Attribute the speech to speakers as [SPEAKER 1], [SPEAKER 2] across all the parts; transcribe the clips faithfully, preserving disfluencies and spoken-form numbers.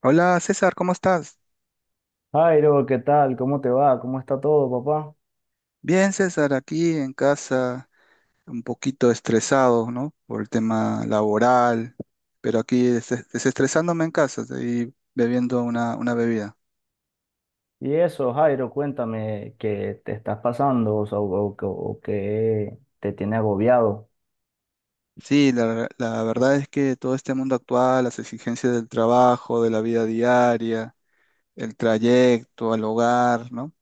[SPEAKER 1] Hola César, ¿cómo estás?
[SPEAKER 2] Jairo, ¿qué tal? ¿Cómo te va? ¿Cómo está todo, papá?
[SPEAKER 1] Bien, César, aquí en casa, un poquito estresado, ¿no? Por el tema laboral, pero aquí des- desestresándome en casa y bebiendo una, una bebida.
[SPEAKER 2] Y eso, Jairo, cuéntame qué te estás pasando o, sea, o- o- o qué te tiene agobiado.
[SPEAKER 1] Sí, la, ver- la verdad es que todo este mundo actual, las exigencias del trabajo, de la vida diaria, el trayecto al hogar, ¿no?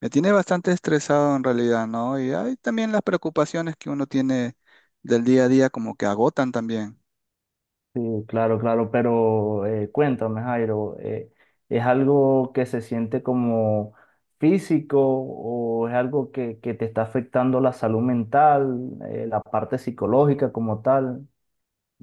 [SPEAKER 1] Me tiene bastante estresado en realidad, ¿no? Y hay también las preocupaciones que uno tiene del día a día como que agotan también.
[SPEAKER 2] Sí, claro, claro, pero eh, cuéntame, Jairo, eh, ¿es algo que se siente como físico o es algo que, que te está afectando la salud mental, eh, la parte psicológica como tal?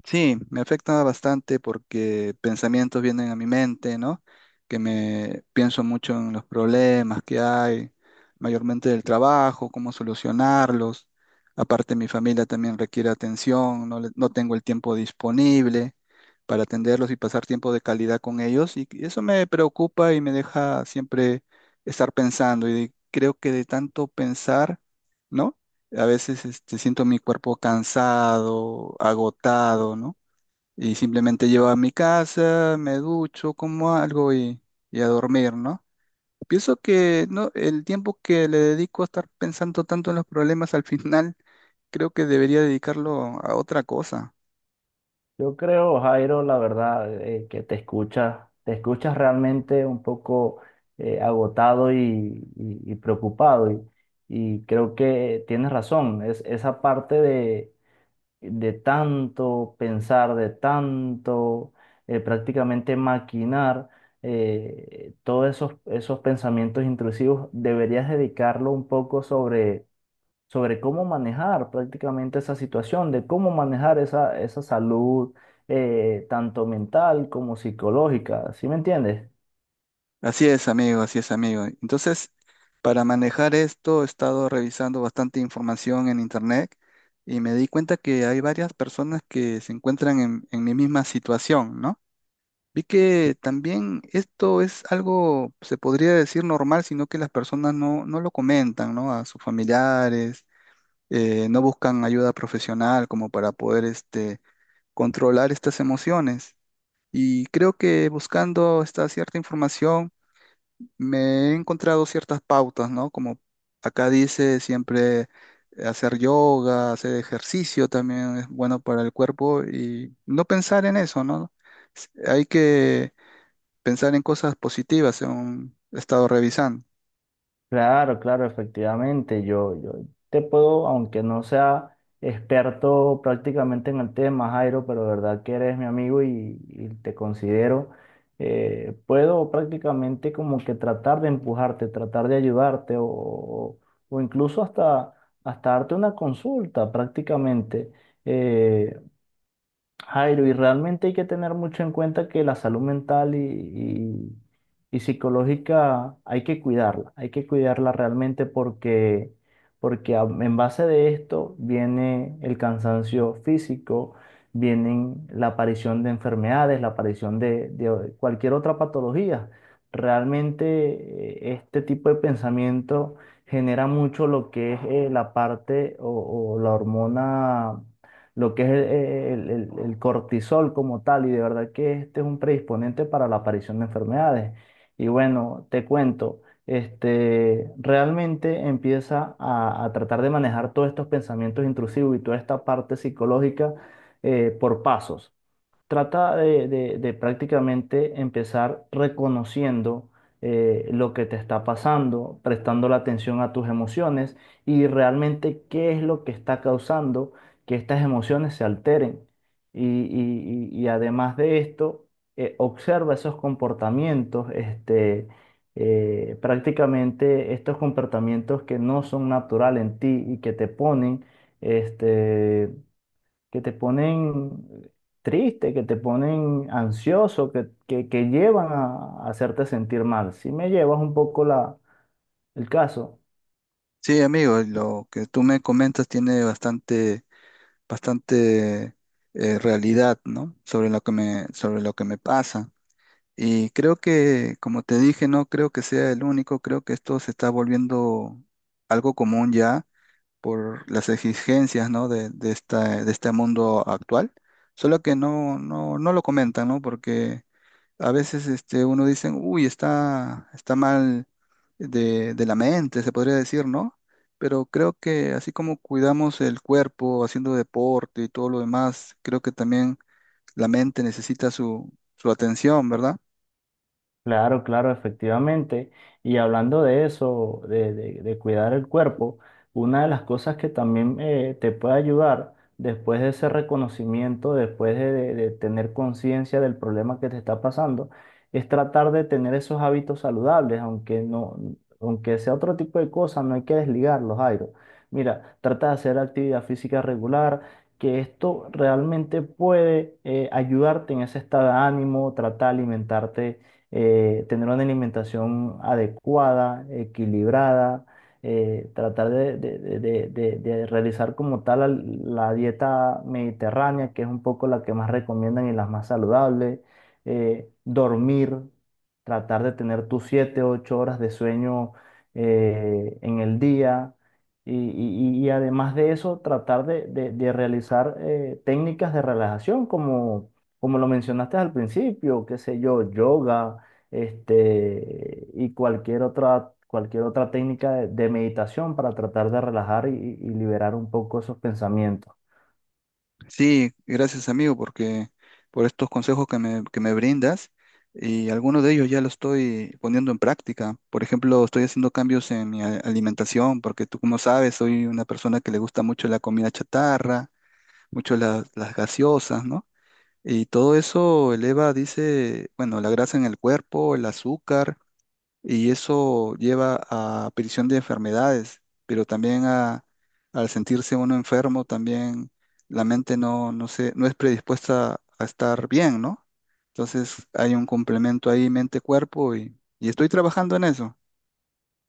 [SPEAKER 1] Sí, me afecta bastante porque pensamientos vienen a mi mente, ¿no? Que me pienso mucho en los problemas que hay, mayormente del trabajo, cómo solucionarlos. Aparte, mi familia también requiere atención, no, le- no tengo el tiempo disponible para atenderlos y pasar tiempo de calidad con ellos. Y eso me preocupa y me deja siempre estar pensando. Y de- creo que de tanto pensar, ¿no? A veces este, siento mi cuerpo cansado, agotado, ¿no? Y simplemente llego a mi casa, me ducho, como algo y, y a dormir, ¿no? Pienso que no, el tiempo que le dedico a estar pensando tanto en los problemas al final, creo que debería dedicarlo a otra cosa.
[SPEAKER 2] Yo creo, Jairo, la verdad, eh, que te escuchas, te escuchas realmente un poco eh, agotado y, y- y preocupado. Y, y creo que tienes razón, es esa parte de, de tanto pensar, de tanto eh, prácticamente maquinar eh, todos esos, esos pensamientos intrusivos, deberías dedicarlo un poco sobre sobre cómo manejar prácticamente esa situación, de cómo manejar esa, esa salud eh, tanto mental como psicológica, ¿sí me entiendes?
[SPEAKER 1] Así es, amigo, así es, amigo. Entonces, para manejar esto, he estado revisando bastante información en internet y me di cuenta que hay varias personas que se encuentran en, en mi misma situación, ¿no? Vi que también esto es algo, se podría decir normal, sino que las personas no, no lo comentan, ¿no? A sus familiares, eh, no buscan ayuda profesional como para poder este, controlar estas emociones. Y creo que buscando esta cierta información me he encontrado ciertas pautas, ¿no? Como acá dice, siempre eh, hacer yoga, hacer ejercicio también es bueno para el cuerpo y no pensar en eso, ¿no? Hay que pensar en cosas positivas, según he estado revisando.
[SPEAKER 2] Claro, claro, efectivamente. Yo, yo te puedo, aunque no sea experto prácticamente en el tema, Jairo, pero de verdad que eres mi amigo y, y te considero, eh, puedo prácticamente como que tratar de empujarte, tratar de ayudarte o, o- o incluso hasta, hasta darte una consulta prácticamente. Eh, Jairo, y realmente hay que tener mucho en cuenta que la salud mental y, y- y psicológica hay que cuidarla, hay que cuidarla realmente porque, porque a- en base de esto viene el cansancio físico, vienen la aparición de enfermedades, la aparición de, de cualquier otra patología. Realmente eh, este tipo de pensamiento genera mucho lo que es eh, la parte o o la hormona lo que es el, el- el cortisol como tal, y de verdad que este es un predisponente para la aparición de enfermedades. Y bueno, te cuento, este, realmente empieza a, a tratar de manejar todos estos pensamientos intrusivos y toda esta parte psicológica eh, por pasos. Trata de, de- de prácticamente empezar reconociendo eh, lo que te está pasando, prestando la atención a tus emociones y realmente qué es lo que está causando que estas emociones se alteren. Y, y- y- y además de esto, eh, observa esos comportamientos, este, eh, prácticamente estos comportamientos que no son naturales en ti y que te ponen, este, que te ponen triste, que te ponen ansioso, que, que, que llevan a, a hacerte sentir mal. Si me llevas un poco la, el caso.
[SPEAKER 1] Sí, amigo, lo que tú me comentas tiene bastante, bastante eh, realidad, ¿no? Sobre lo que me, sobre lo que me pasa. Y creo que, como te dije, no creo que sea el único, creo que esto se está volviendo algo común ya por las exigencias, ¿no? De, de esta, de este mundo actual. Solo que no, no, no lo comentan, ¿no? Porque a veces este, uno dice, uy, está, está mal de, de la mente, se podría decir, ¿no? Pero creo que así como cuidamos el cuerpo haciendo deporte y todo lo demás, creo que también la mente necesita su, su atención, ¿verdad?
[SPEAKER 2] Claro, claro, efectivamente. Y hablando de eso, de, de- de cuidar el cuerpo, una de las cosas que también eh, te puede ayudar después de ese reconocimiento, después de, de- de tener conciencia del problema que te está pasando, es tratar de tener esos hábitos saludables, aunque no, aunque sea otro tipo de cosas, no hay que desligarlos, Jairo. Mira, trata de hacer actividad física regular. Que esto realmente puede eh, ayudarte en ese estado de ánimo, trata de alimentarte eh, tener una alimentación adecuada, equilibrada, eh, tratar de, de- de- de- de- de realizar como tal al- la dieta mediterránea, que es un poco la que más recomiendan y las más saludables, eh, dormir, tratar de tener tus siete ocho horas de sueño eh, en el día. Y, y- y además de eso, tratar de, de- de realizar eh, técnicas de relajación, como, como lo mencionaste al principio, qué sé yo, yoga, este, y cualquier otra, cualquier otra técnica de, de meditación para tratar de relajar y, y liberar un poco esos pensamientos.
[SPEAKER 1] Sí, gracias amigo, porque por estos consejos que me, que me brindas y algunos de ellos ya los estoy poniendo en práctica. Por ejemplo, estoy haciendo cambios en mi a- alimentación, porque tú como sabes, soy una persona que le gusta mucho la comida chatarra, mucho las, las gaseosas, ¿no? Y todo eso eleva, dice, bueno, la grasa en el cuerpo, el azúcar, y eso lleva a aparición de enfermedades, pero también a, al sentirse uno enfermo, también la mente no, no se, no es predispuesta a estar bien, ¿no? Entonces hay un complemento ahí mente-cuerpo y, y estoy trabajando en eso.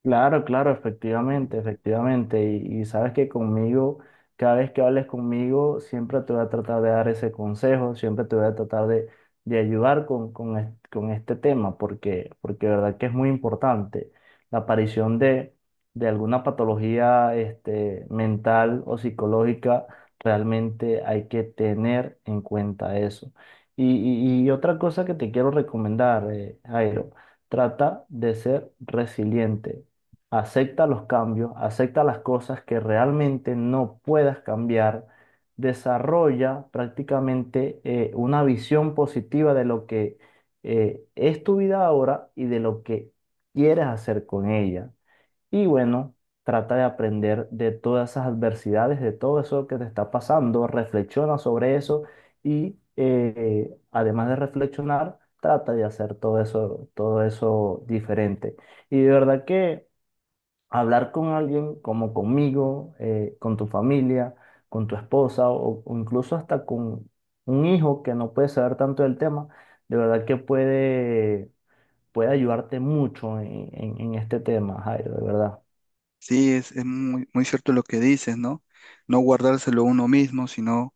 [SPEAKER 2] Claro, claro, efectivamente, efectivamente. Y, y sabes que conmigo, cada vez que hables conmigo, siempre te voy a tratar de dar ese consejo, siempre te voy a tratar de, de ayudar con, con, es- con este tema, porque, porque de verdad que es muy importante. La aparición de, de alguna patología este, mental o psicológica, realmente hay que tener en cuenta eso. Y, y- y otra cosa que te quiero recomendar, eh, Jairo, trata de ser resiliente. Acepta los cambios, acepta las cosas que realmente no puedas cambiar, desarrolla prácticamente eh, una visión positiva de lo que eh, es tu vida ahora y de lo que quieres hacer con ella. Y bueno, trata de aprender de todas esas adversidades, de todo eso que te está pasando, reflexiona sobre eso y eh, además de reflexionar, trata de hacer todo eso, todo eso diferente. Y de verdad que hablar con alguien como conmigo, eh, con tu familia, con tu esposa o, o incluso hasta con un hijo que no puede saber tanto del tema, de verdad que puede, puede ayudarte mucho en, en- en este tema, Jairo, de verdad.
[SPEAKER 1] Sí, es, es muy, muy cierto lo que dices, ¿no? No guardárselo uno mismo, sino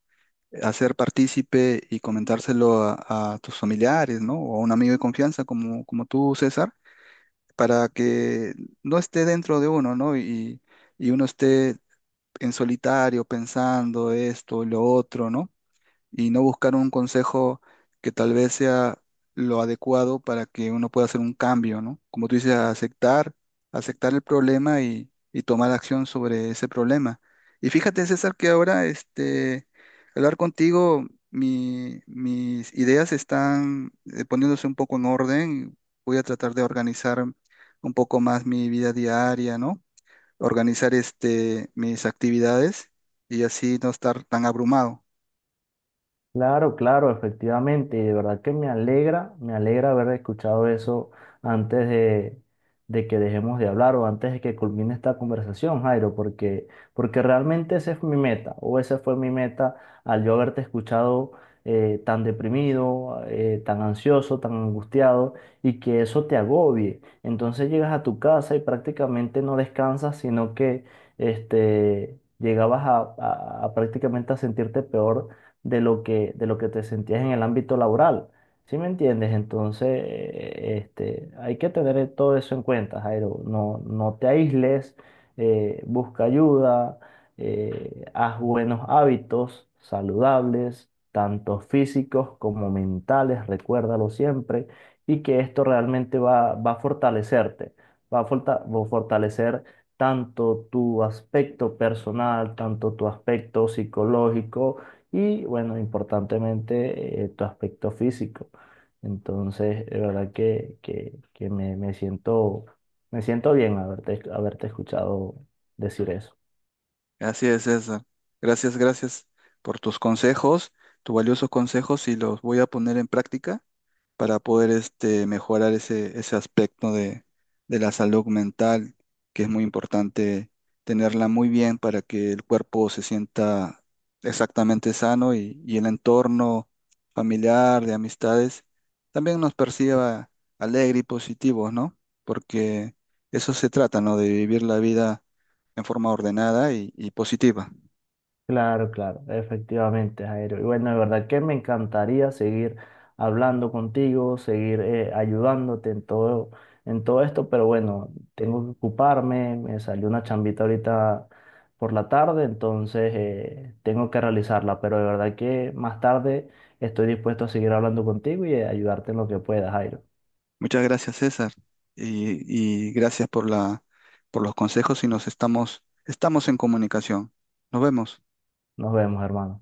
[SPEAKER 1] hacer partícipe y comentárselo a, a tus familiares, ¿no? O a un amigo de confianza como, como tú, César, para que no esté dentro de uno, ¿no? Y, y uno esté en solitario pensando esto y lo otro, ¿no?, y no buscar un consejo que tal vez sea lo adecuado para que uno pueda hacer un cambio, ¿no? Como tú dices, aceptar, aceptar el problema y, y tomar acción sobre ese problema. Y fíjate, César, que ahora este, hablar contigo, mi- mis ideas están eh, poniéndose un poco en orden. Voy a tratar de organizar un poco más mi vida diaria, ¿no? Organizar este, mis actividades y así no estar tan abrumado.
[SPEAKER 2] Claro, claro, efectivamente, y de verdad que me alegra, me alegra haber escuchado eso antes de, de que dejemos de hablar o antes de que culmine esta conversación, Jairo, porque, porque realmente esa es mi meta, o esa fue mi meta al yo haberte escuchado eh, tan deprimido, eh, tan ansioso, tan angustiado, y que eso te agobie. Entonces llegas a tu casa y prácticamente no descansas, sino que este, llegabas a a- a prácticamente a sentirte peor de lo que, de lo que te sentías en el ámbito laboral. ¿Sí me entiendes? Entonces, eh, este, hay que tener todo eso en cuenta, Jairo. No, no te aísles, eh, busca ayuda, eh, haz buenos hábitos saludables, tanto físicos como mentales, recuérdalo siempre, y que esto realmente va, va a fortalecerte, va a forta- va a fortalecer tanto tu aspecto personal, tanto tu aspecto psicológico y bueno, importantemente eh, tu aspecto físico. Entonces, de verdad que, que, que me, me siento, me siento bien haberte, haberte escuchado decir eso.
[SPEAKER 1] Así es, César. Gracias, gracias por tus consejos, tus valiosos consejos y los voy a poner en práctica para poder este, mejorar ese, ese aspecto de, de la salud mental, que es muy importante tenerla muy bien para que el cuerpo se sienta exactamente sano y, y el entorno familiar, de amistades, también nos perciba alegre y positivos, ¿no? Porque eso se trata, ¿no? De vivir la vida en forma ordenada y, y positiva.
[SPEAKER 2] Claro, claro, efectivamente, Jairo. Y bueno, de verdad que me encantaría seguir hablando contigo, seguir eh, ayudándote en todo, en todo esto, pero bueno, tengo que ocuparme, me salió una chambita ahorita por la tarde, entonces eh, tengo que realizarla, pero de verdad que más tarde estoy dispuesto a seguir hablando contigo y eh, ayudarte en lo que pueda, Jairo.
[SPEAKER 1] Muchas gracias, César, y, y gracias por la, por los consejos y nos estamos, estamos en comunicación. Nos vemos.
[SPEAKER 2] Nos vemos, hermano.